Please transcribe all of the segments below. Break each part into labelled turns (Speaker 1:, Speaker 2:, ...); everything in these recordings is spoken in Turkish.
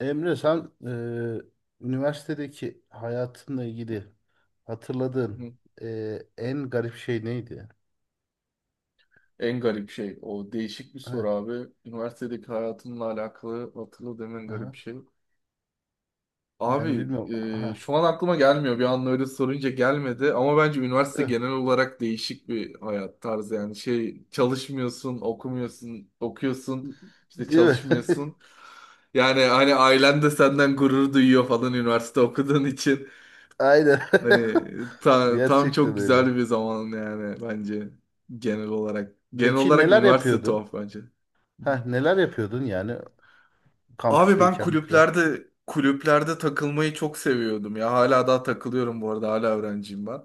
Speaker 1: Emre sen üniversitedeki hayatınla ilgili hatırladığın
Speaker 2: Hı.
Speaker 1: en garip şey neydi?
Speaker 2: En garip şey, o değişik bir
Speaker 1: Heh,
Speaker 2: soru abi. Üniversitedeki hayatımla alakalı hatırladığım en
Speaker 1: aha.
Speaker 2: garip şey.
Speaker 1: Yani
Speaker 2: Abi
Speaker 1: bilmiyorum. Aha.
Speaker 2: şu an aklıma gelmiyor. Bir anda öyle sorunca gelmedi. Ama bence üniversite
Speaker 1: Eh,
Speaker 2: genel olarak değişik bir hayat tarzı. Yani şey, çalışmıyorsun, okumuyorsun, okuyorsun, işte
Speaker 1: değil mi?
Speaker 2: çalışmıyorsun. Yani hani ailen de senden gurur duyuyor falan üniversite okuduğun için.
Speaker 1: Aynen.
Speaker 2: Hani tam
Speaker 1: Gerçekten
Speaker 2: çok
Speaker 1: öyle.
Speaker 2: güzel bir zaman yani bence genel olarak. Genel
Speaker 1: Peki
Speaker 2: olarak
Speaker 1: neler
Speaker 2: üniversite
Speaker 1: yapıyordun?
Speaker 2: tuhaf bence.
Speaker 1: Heh, neler yapıyordun yani
Speaker 2: Abi ben
Speaker 1: kampüsteyken falan?
Speaker 2: kulüplerde takılmayı çok seviyordum ya. Hala daha takılıyorum bu arada. Hala öğrenciyim ben.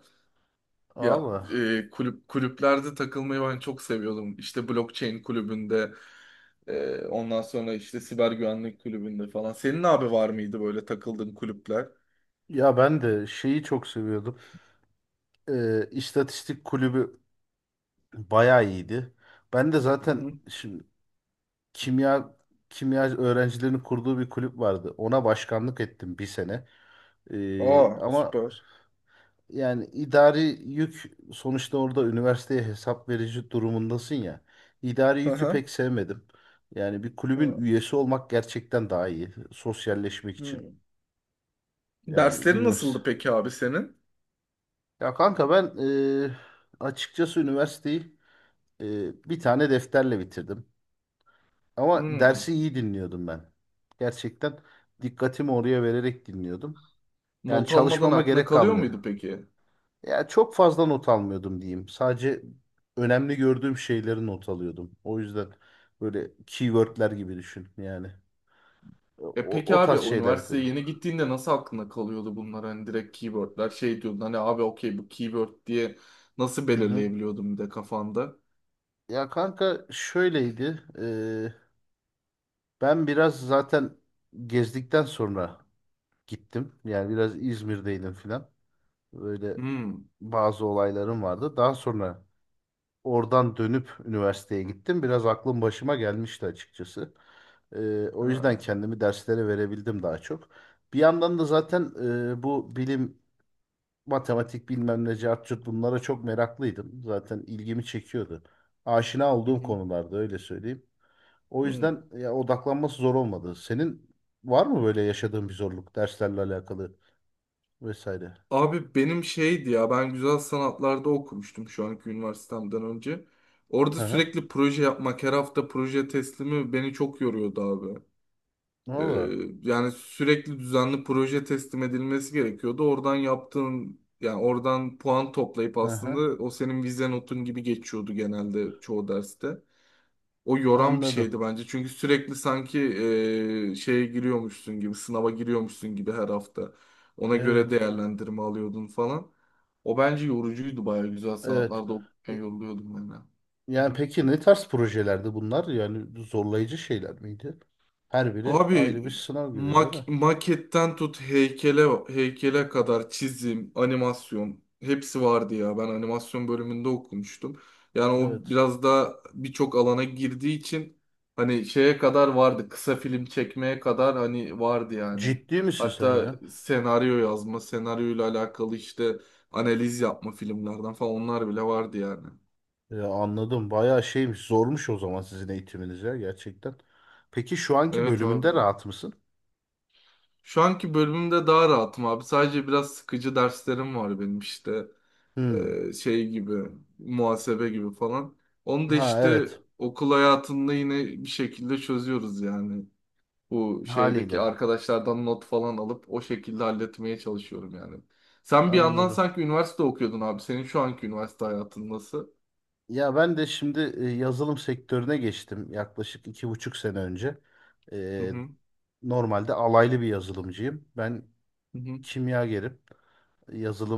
Speaker 2: Ya
Speaker 1: Valla.
Speaker 2: kulüplerde takılmayı ben çok seviyordum. İşte blockchain kulübünde, ondan sonra işte siber güvenlik kulübünde falan. Senin abi var mıydı böyle takıldığın kulüpler?
Speaker 1: Ya ben de şeyi çok seviyordum. İstatistik kulübü bayağı iyiydi. Ben de
Speaker 2: Hı
Speaker 1: zaten
Speaker 2: hı.
Speaker 1: şim- kimya öğrencilerinin kurduğu bir kulüp vardı. Ona başkanlık ettim bir sene.
Speaker 2: Aa
Speaker 1: Ama
Speaker 2: süper.
Speaker 1: yani idari yük sonuçta orada üniversiteye hesap verici durumundasın ya. İdari
Speaker 2: Hı
Speaker 1: yükü
Speaker 2: hı.
Speaker 1: pek sevmedim. Yani bir kulübün
Speaker 2: Hı
Speaker 1: üyesi olmak gerçekten daha iyi. Sosyalleşmek için.
Speaker 2: hı.
Speaker 1: Yani
Speaker 2: Derslerin
Speaker 1: bilmiyoruz.
Speaker 2: nasıldı peki abi senin?
Speaker 1: Ya kanka ben e, açıkçası üniversiteyi e, bir tane defterle bitirdim. Ama
Speaker 2: Hmm.
Speaker 1: dersi iyi dinliyordum ben. Gerçekten dikkatimi oraya vererek dinliyordum. Yani
Speaker 2: Not almadan
Speaker 1: çalışmama
Speaker 2: aklına
Speaker 1: gerek
Speaker 2: kalıyor muydu
Speaker 1: kalmadı.
Speaker 2: peki?
Speaker 1: Ya çok fazla not almıyordum diyeyim. Sadece önemli gördüğüm şeyleri not alıyordum. O yüzden böyle keywordler gibi düşün yani.
Speaker 2: E
Speaker 1: O,
Speaker 2: peki
Speaker 1: o
Speaker 2: abi,
Speaker 1: tarz
Speaker 2: o
Speaker 1: şeyler
Speaker 2: üniversiteye
Speaker 1: yapıyordum.
Speaker 2: yeni gittiğinde nasıl aklına kalıyordu bunlar? Hani direkt keywordler, şey diyordun, hani abi okey bu keyword diye nasıl
Speaker 1: Hı hı.
Speaker 2: belirleyebiliyordum bir de kafanda?
Speaker 1: Ya kanka şöyleydi. Ben biraz zaten gezdikten sonra gittim. Yani biraz İzmir'deydim filan. Böyle
Speaker 2: Hmm.
Speaker 1: bazı olaylarım vardı. Daha sonra oradan dönüp üniversiteye gittim. Biraz aklım başıma gelmişti açıkçası. O yüzden
Speaker 2: Ha.
Speaker 1: kendimi derslere verebildim daha çok. Bir yandan da zaten bu bilim, matematik bilmem ne cart curt bunlara çok meraklıydım. Zaten ilgimi çekiyordu. Aşina
Speaker 2: Hı
Speaker 1: olduğum
Speaker 2: hı.
Speaker 1: konularda öyle söyleyeyim. O
Speaker 2: Hı.
Speaker 1: yüzden ya, odaklanması zor olmadı. Senin var mı böyle yaşadığın bir zorluk derslerle alakalı vesaire?
Speaker 2: Abi benim şeydi ya, ben güzel sanatlarda okumuştum şu anki üniversitemden önce. Orada
Speaker 1: Hı hı.
Speaker 2: sürekli proje yapmak, her hafta proje teslimi beni çok yoruyordu abi. Ee,
Speaker 1: Valla.
Speaker 2: yani sürekli düzenli proje teslim edilmesi gerekiyordu. Oradan yaptığın, yani oradan puan toplayıp
Speaker 1: Hı
Speaker 2: aslında
Speaker 1: hı.
Speaker 2: o senin vize notun gibi geçiyordu genelde çoğu derste. O yoran bir
Speaker 1: Anladım.
Speaker 2: şeydi bence. Çünkü sürekli sanki şeye giriyormuşsun gibi, sınava giriyormuşsun gibi her hafta. Ona göre
Speaker 1: Evet.
Speaker 2: değerlendirme alıyordun falan. O bence yorucuydu, bayağı güzel
Speaker 1: Evet.
Speaker 2: sanatlarda okurken yoruluyordum ben. De. Hı
Speaker 1: Yani
Speaker 2: hı.
Speaker 1: peki ne tarz projelerdi bunlar? Yani zorlayıcı şeyler miydi? Her biri
Speaker 2: Abi
Speaker 1: ayrı bir sınav gibi değil mi?
Speaker 2: maketten tut heykele, kadar çizim, animasyon, hepsi vardı ya. Ben animasyon bölümünde okumuştum. Yani o
Speaker 1: Evet.
Speaker 2: biraz da birçok alana girdiği için hani şeye kadar vardı. Kısa film çekmeye kadar hani vardı yani.
Speaker 1: Ciddi misin sen
Speaker 2: Hatta
Speaker 1: ya?
Speaker 2: senaryo yazma, senaryoyla alakalı işte analiz yapma filmlerden falan, onlar bile vardı yani.
Speaker 1: Anladım. Bayağı şeymiş, zormuş o zaman sizin eğitiminiz ya gerçekten. Peki şu anki
Speaker 2: Evet abi.
Speaker 1: bölümünde rahat mısın?
Speaker 2: Şu anki bölümümde daha rahatım abi. Sadece biraz sıkıcı derslerim var benim işte.
Speaker 1: Hmm.
Speaker 2: Şey gibi, muhasebe gibi falan. Onu da
Speaker 1: Ha,
Speaker 2: işte
Speaker 1: evet.
Speaker 2: okul hayatında yine bir şekilde çözüyoruz yani. Bu şeydeki
Speaker 1: Haliyle.
Speaker 2: arkadaşlardan not falan alıp o şekilde halletmeye çalışıyorum yani. Sen bir yandan
Speaker 1: Anladım.
Speaker 2: sanki üniversite okuyordun abi. Senin şu anki üniversite hayatın nasıl?
Speaker 1: Ya ben de şimdi yazılım sektörüne geçtim yaklaşık iki buçuk sene önce.
Speaker 2: Hı
Speaker 1: Ee,
Speaker 2: hı.
Speaker 1: Normalde alaylı bir yazılımcıyım. Ben
Speaker 2: Hı hı.
Speaker 1: kimyagerim.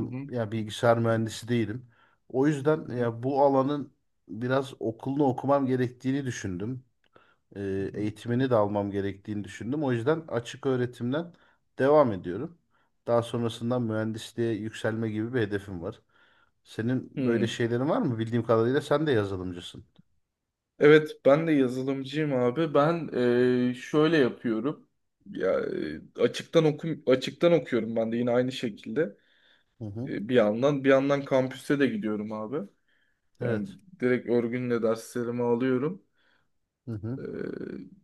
Speaker 2: Hı hı.
Speaker 1: ya bilgisayar mühendisi değilim. O
Speaker 2: Hı
Speaker 1: yüzden
Speaker 2: hı.
Speaker 1: ya bu alanın biraz okulunu okumam gerektiğini düşündüm.
Speaker 2: Hı hı.
Speaker 1: Eğitimini de almam gerektiğini düşündüm. O yüzden açık öğretimden devam ediyorum. Daha sonrasında mühendisliğe yükselme gibi bir hedefim var. Senin böyle
Speaker 2: Hmm.
Speaker 1: şeylerin var mı? Bildiğim kadarıyla sen de yazılımcısın.
Speaker 2: Evet, ben de yazılımcıyım abi. Ben şöyle yapıyorum. Ya açıktan okuyorum ben de yine aynı şekilde.
Speaker 1: Hı hı.
Speaker 2: E, bir yandan kampüse de gidiyorum abi. Yani
Speaker 1: Evet.
Speaker 2: direkt örgünle derslerimi alıyorum.
Speaker 1: Hı hı.
Speaker 2: E,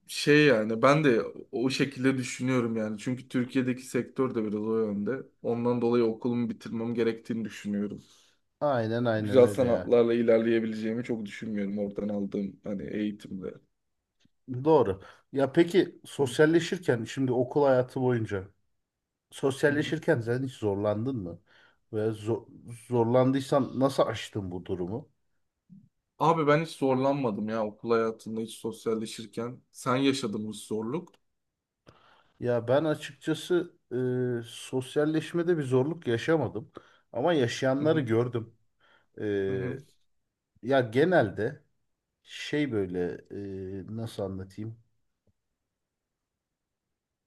Speaker 2: Şey, yani ben de o şekilde düşünüyorum yani. Çünkü Türkiye'deki sektör de biraz o yönde. Ondan dolayı okulumu bitirmem gerektiğini düşünüyorum.
Speaker 1: Aynen, aynen
Speaker 2: Güzel
Speaker 1: öyle ya.
Speaker 2: sanatlarla ilerleyebileceğimi çok düşünmüyorum oradan aldığım hani eğitimde.
Speaker 1: Doğru. Ya peki
Speaker 2: Hı
Speaker 1: sosyalleşirken şimdi okul hayatı boyunca
Speaker 2: hı.
Speaker 1: sosyalleşirken sen hiç zorlandın mı? Ve zo- Zorlandıysan nasıl aştın bu durumu?
Speaker 2: Abi ben hiç zorlanmadım ya okul hayatında, hiç sosyalleşirken. Sen yaşadın bu zorluk.
Speaker 1: Ya ben açıkçası sosyalleşmede bir zorluk yaşamadım. Ama
Speaker 2: Hı
Speaker 1: yaşayanları
Speaker 2: hı.
Speaker 1: gördüm. E,
Speaker 2: Hı hı.
Speaker 1: ya genelde şey böyle nasıl anlatayım?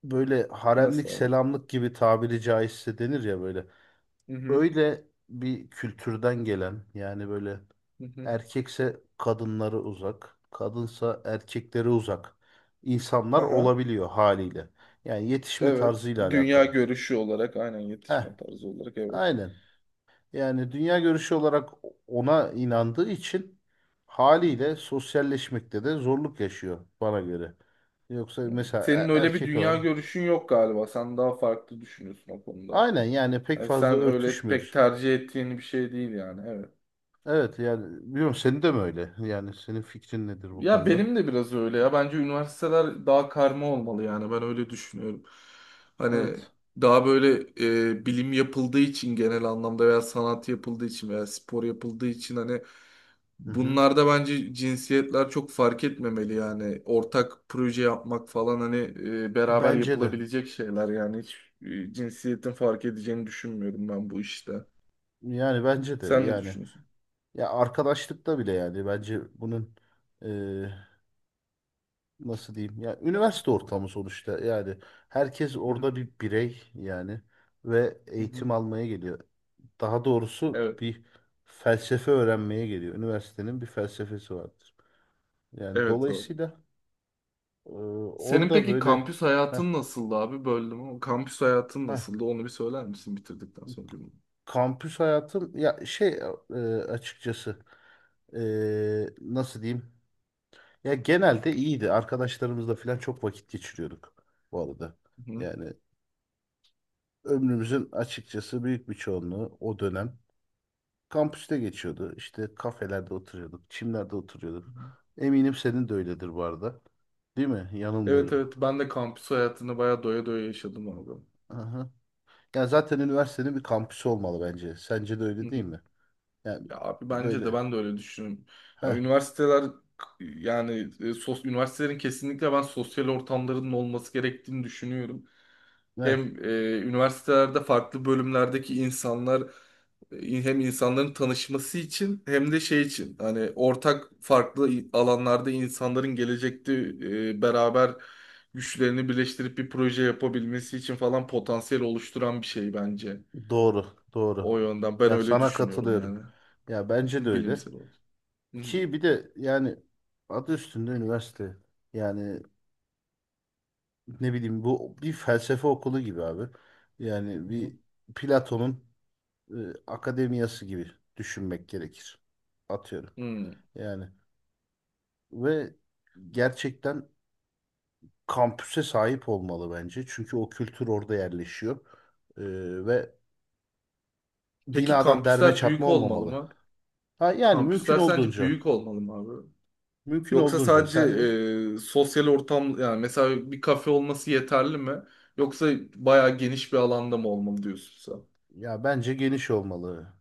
Speaker 1: Böyle haremlik
Speaker 2: Nasıl abi?
Speaker 1: selamlık gibi tabiri caizse denir ya böyle.
Speaker 2: Hı hı.
Speaker 1: Öyle bir kültürden gelen yani böyle,
Speaker 2: Hı hı.
Speaker 1: erkekse kadınları uzak, kadınsa erkekleri uzak insanlar
Speaker 2: Aha.
Speaker 1: olabiliyor haliyle. Yani yetişme
Speaker 2: Evet.
Speaker 1: tarzıyla
Speaker 2: Dünya
Speaker 1: alakalı.
Speaker 2: görüşü olarak aynen,
Speaker 1: Heh,
Speaker 2: yetişme tarzı olarak evet.
Speaker 1: aynen. Yani dünya görüşü olarak ona inandığı için
Speaker 2: Hı hı.
Speaker 1: haliyle sosyalleşmekte de zorluk yaşıyor bana göre. Yoksa mesela
Speaker 2: Senin öyle bir
Speaker 1: erkek
Speaker 2: dünya
Speaker 1: olan
Speaker 2: görüşün yok galiba. Sen daha farklı düşünüyorsun o konuda.
Speaker 1: aynen yani pek
Speaker 2: Yani
Speaker 1: fazla
Speaker 2: sen öyle pek
Speaker 1: örtüşmüyor.
Speaker 2: tercih ettiğin bir şey değil yani. Evet.
Speaker 1: Evet yani biliyorum, senin de mi öyle? Yani senin fikrin nedir bu
Speaker 2: Ya
Speaker 1: konuda?
Speaker 2: benim de biraz öyle ya. Bence üniversiteler daha karma olmalı yani. Ben öyle düşünüyorum. Hani
Speaker 1: Evet.
Speaker 2: daha böyle bilim yapıldığı için genel anlamda, veya sanat yapıldığı için, veya spor yapıldığı için, hani
Speaker 1: Hı hı.
Speaker 2: bunlarda bence cinsiyetler çok fark etmemeli yani. Ortak proje yapmak falan, hani beraber
Speaker 1: Bence de.
Speaker 2: yapılabilecek şeyler yani. Hiç cinsiyetin fark edeceğini düşünmüyorum ben bu işte.
Speaker 1: Yani bence de
Speaker 2: Sen ne
Speaker 1: yani,
Speaker 2: düşünüyorsun?
Speaker 1: ya arkadaşlıkta bile yani bence bunun eee, nasıl diyeyim ya, üniversite ortamı sonuçta yani herkes
Speaker 2: Hı
Speaker 1: orada
Speaker 2: hı.
Speaker 1: bir birey yani ve
Speaker 2: Hı hı.
Speaker 1: eğitim almaya geliyor. Daha doğrusu
Speaker 2: Evet.
Speaker 1: bir felsefe öğrenmeye geliyor. Üniversitenin bir felsefesi vardır. Yani
Speaker 2: Evet abi.
Speaker 1: dolayısıyla eee,
Speaker 2: Senin
Speaker 1: orada
Speaker 2: peki
Speaker 1: böyle,
Speaker 2: kampüs hayatın nasıldı abi? Böldüm ama, kampüs hayatın
Speaker 1: heh,
Speaker 2: nasıldı? Onu bir söyler misin bitirdikten sonra cümle?
Speaker 1: kampüs hayatım ya şey, açıkçası nasıl diyeyim, ya genelde iyiydi. Arkadaşlarımızla falan çok vakit geçiriyorduk bu arada.
Speaker 2: Hı hı.
Speaker 1: Yani ömrümüzün açıkçası büyük bir çoğunluğu o dönem kampüste geçiyordu. İşte kafelerde oturuyorduk, çimlerde oturuyorduk. Eminim senin de öyledir bu arada. Değil mi?
Speaker 2: Evet,
Speaker 1: Yanılmıyorum.
Speaker 2: evet, ben de kampüs hayatını bayağı doya doya yaşadım abi.
Speaker 1: Aha. Ya zaten üniversitenin bir kampüsü olmalı bence. Sence de
Speaker 2: Hı
Speaker 1: öyle değil
Speaker 2: hı.
Speaker 1: mi? Yani
Speaker 2: Ya abi bence de,
Speaker 1: böyle.
Speaker 2: ben de öyle düşünüyorum. Ya
Speaker 1: Heh,
Speaker 2: üniversiteler, yani üniversitelerin kesinlikle, ben sosyal ortamlarının olması gerektiğini düşünüyorum. Hem
Speaker 1: evet.
Speaker 2: üniversitelerde farklı bölümlerdeki insanlar, hem insanların tanışması için, hem de şey için, hani ortak farklı alanlarda insanların gelecekte beraber güçlerini birleştirip bir proje yapabilmesi için falan potansiyel oluşturan bir şey bence.
Speaker 1: Doğru,
Speaker 2: O
Speaker 1: doğru.
Speaker 2: yönden ben
Speaker 1: Ya
Speaker 2: öyle
Speaker 1: sana
Speaker 2: düşünüyorum
Speaker 1: katılıyorum.
Speaker 2: yani.
Speaker 1: Ya bence de öyle.
Speaker 2: Bilimsel olarak. Hı hı.
Speaker 1: Ki bir de yani adı üstünde üniversite. Yani ne bileyim, bu bir felsefe okulu gibi abi. Yani
Speaker 2: Hı
Speaker 1: bir Platon'un e, akademiyası gibi düşünmek gerekir. Atıyorum.
Speaker 2: hı.
Speaker 1: Yani ve gerçekten kampüse sahip olmalı bence. Çünkü o kültür orada yerleşiyor. E, ve
Speaker 2: Peki
Speaker 1: binadan derme
Speaker 2: kampüsler
Speaker 1: çatma
Speaker 2: büyük olmalı
Speaker 1: olmamalı.
Speaker 2: mı?
Speaker 1: Ha, yani mümkün
Speaker 2: Kampüsler sence
Speaker 1: olduğunca.
Speaker 2: büyük olmalı mı abi?
Speaker 1: Mümkün
Speaker 2: Yoksa
Speaker 1: olduğunca.
Speaker 2: sadece
Speaker 1: Sence?
Speaker 2: sosyal ortam, yani mesela bir kafe olması yeterli mi? Yoksa bayağı geniş bir alanda mı olmalı diyorsun sen?
Speaker 1: Ya bence geniş olmalı.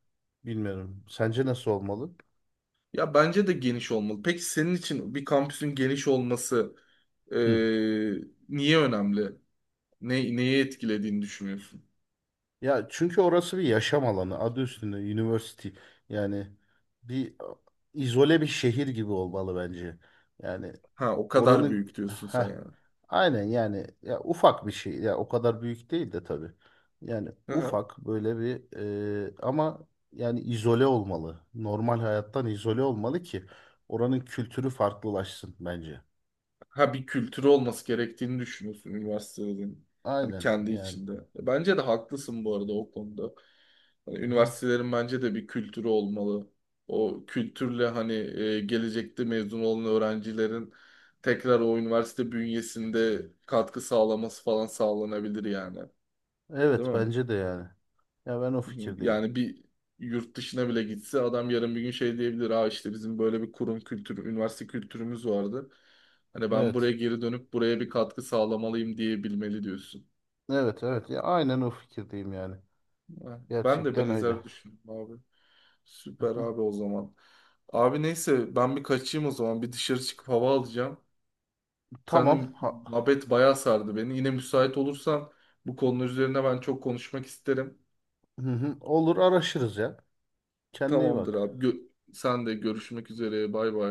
Speaker 1: Bilmiyorum. Sence nasıl olmalı?
Speaker 2: Ya bence de geniş olmalı. Peki senin için bir kampüsün geniş olması e,
Speaker 1: Hı.
Speaker 2: niye önemli? Neye etkilediğini düşünüyorsun?
Speaker 1: Ya çünkü orası bir yaşam alanı. Adı üstünde university. Yani bir izole bir şehir gibi olmalı bence. Yani
Speaker 2: Ha, o kadar
Speaker 1: oranın
Speaker 2: büyük diyorsun sen
Speaker 1: ha
Speaker 2: yani.
Speaker 1: aynen yani, ya ufak bir şey. Ya o kadar büyük değil de tabii. Yani ufak böyle bir, ama yani izole olmalı. Normal hayattan izole olmalı ki oranın kültürü farklılaşsın bence.
Speaker 2: Ha, bir kültürü olması gerektiğini düşünüyorsun üniversitelerin. Hani
Speaker 1: Aynen
Speaker 2: kendi
Speaker 1: yani.
Speaker 2: içinde. E, bence de haklısın bu arada o konuda. Hani üniversitelerin bence de bir kültürü olmalı. O kültürle hani gelecekte mezun olan öğrencilerin tekrar o üniversite bünyesinde katkı sağlaması falan sağlanabilir yani. Değil
Speaker 1: Evet
Speaker 2: mi?
Speaker 1: bence de yani. Ya ben o fikirdeyim.
Speaker 2: Yani bir yurt dışına bile gitse adam, yarın bir gün şey diyebilir. Aa, işte bizim böyle bir kurum kültürü, üniversite kültürümüz vardı. Hani ben buraya
Speaker 1: Evet.
Speaker 2: geri dönüp buraya bir katkı sağlamalıyım diyebilmeli diyorsun.
Speaker 1: Evet, evet ya aynen o fikirdeyim yani.
Speaker 2: Ha, ben de
Speaker 1: Gerçekten öyle.
Speaker 2: benzer düşündüm abi. Süper
Speaker 1: Hı.
Speaker 2: abi, o zaman. Abi neyse, ben bir kaçayım o zaman. Bir dışarı çıkıp hava alacağım.
Speaker 1: Tamam.
Speaker 2: Senin muhabbet bayağı sardı beni. Yine müsait olursan, bu konular üzerine ben çok konuşmak isterim.
Speaker 1: Hı hı. Olur, araşırız ya. Kendine iyi
Speaker 2: Tamamdır
Speaker 1: bak.
Speaker 2: abi. Sen de görüşmek üzere. Bay bay.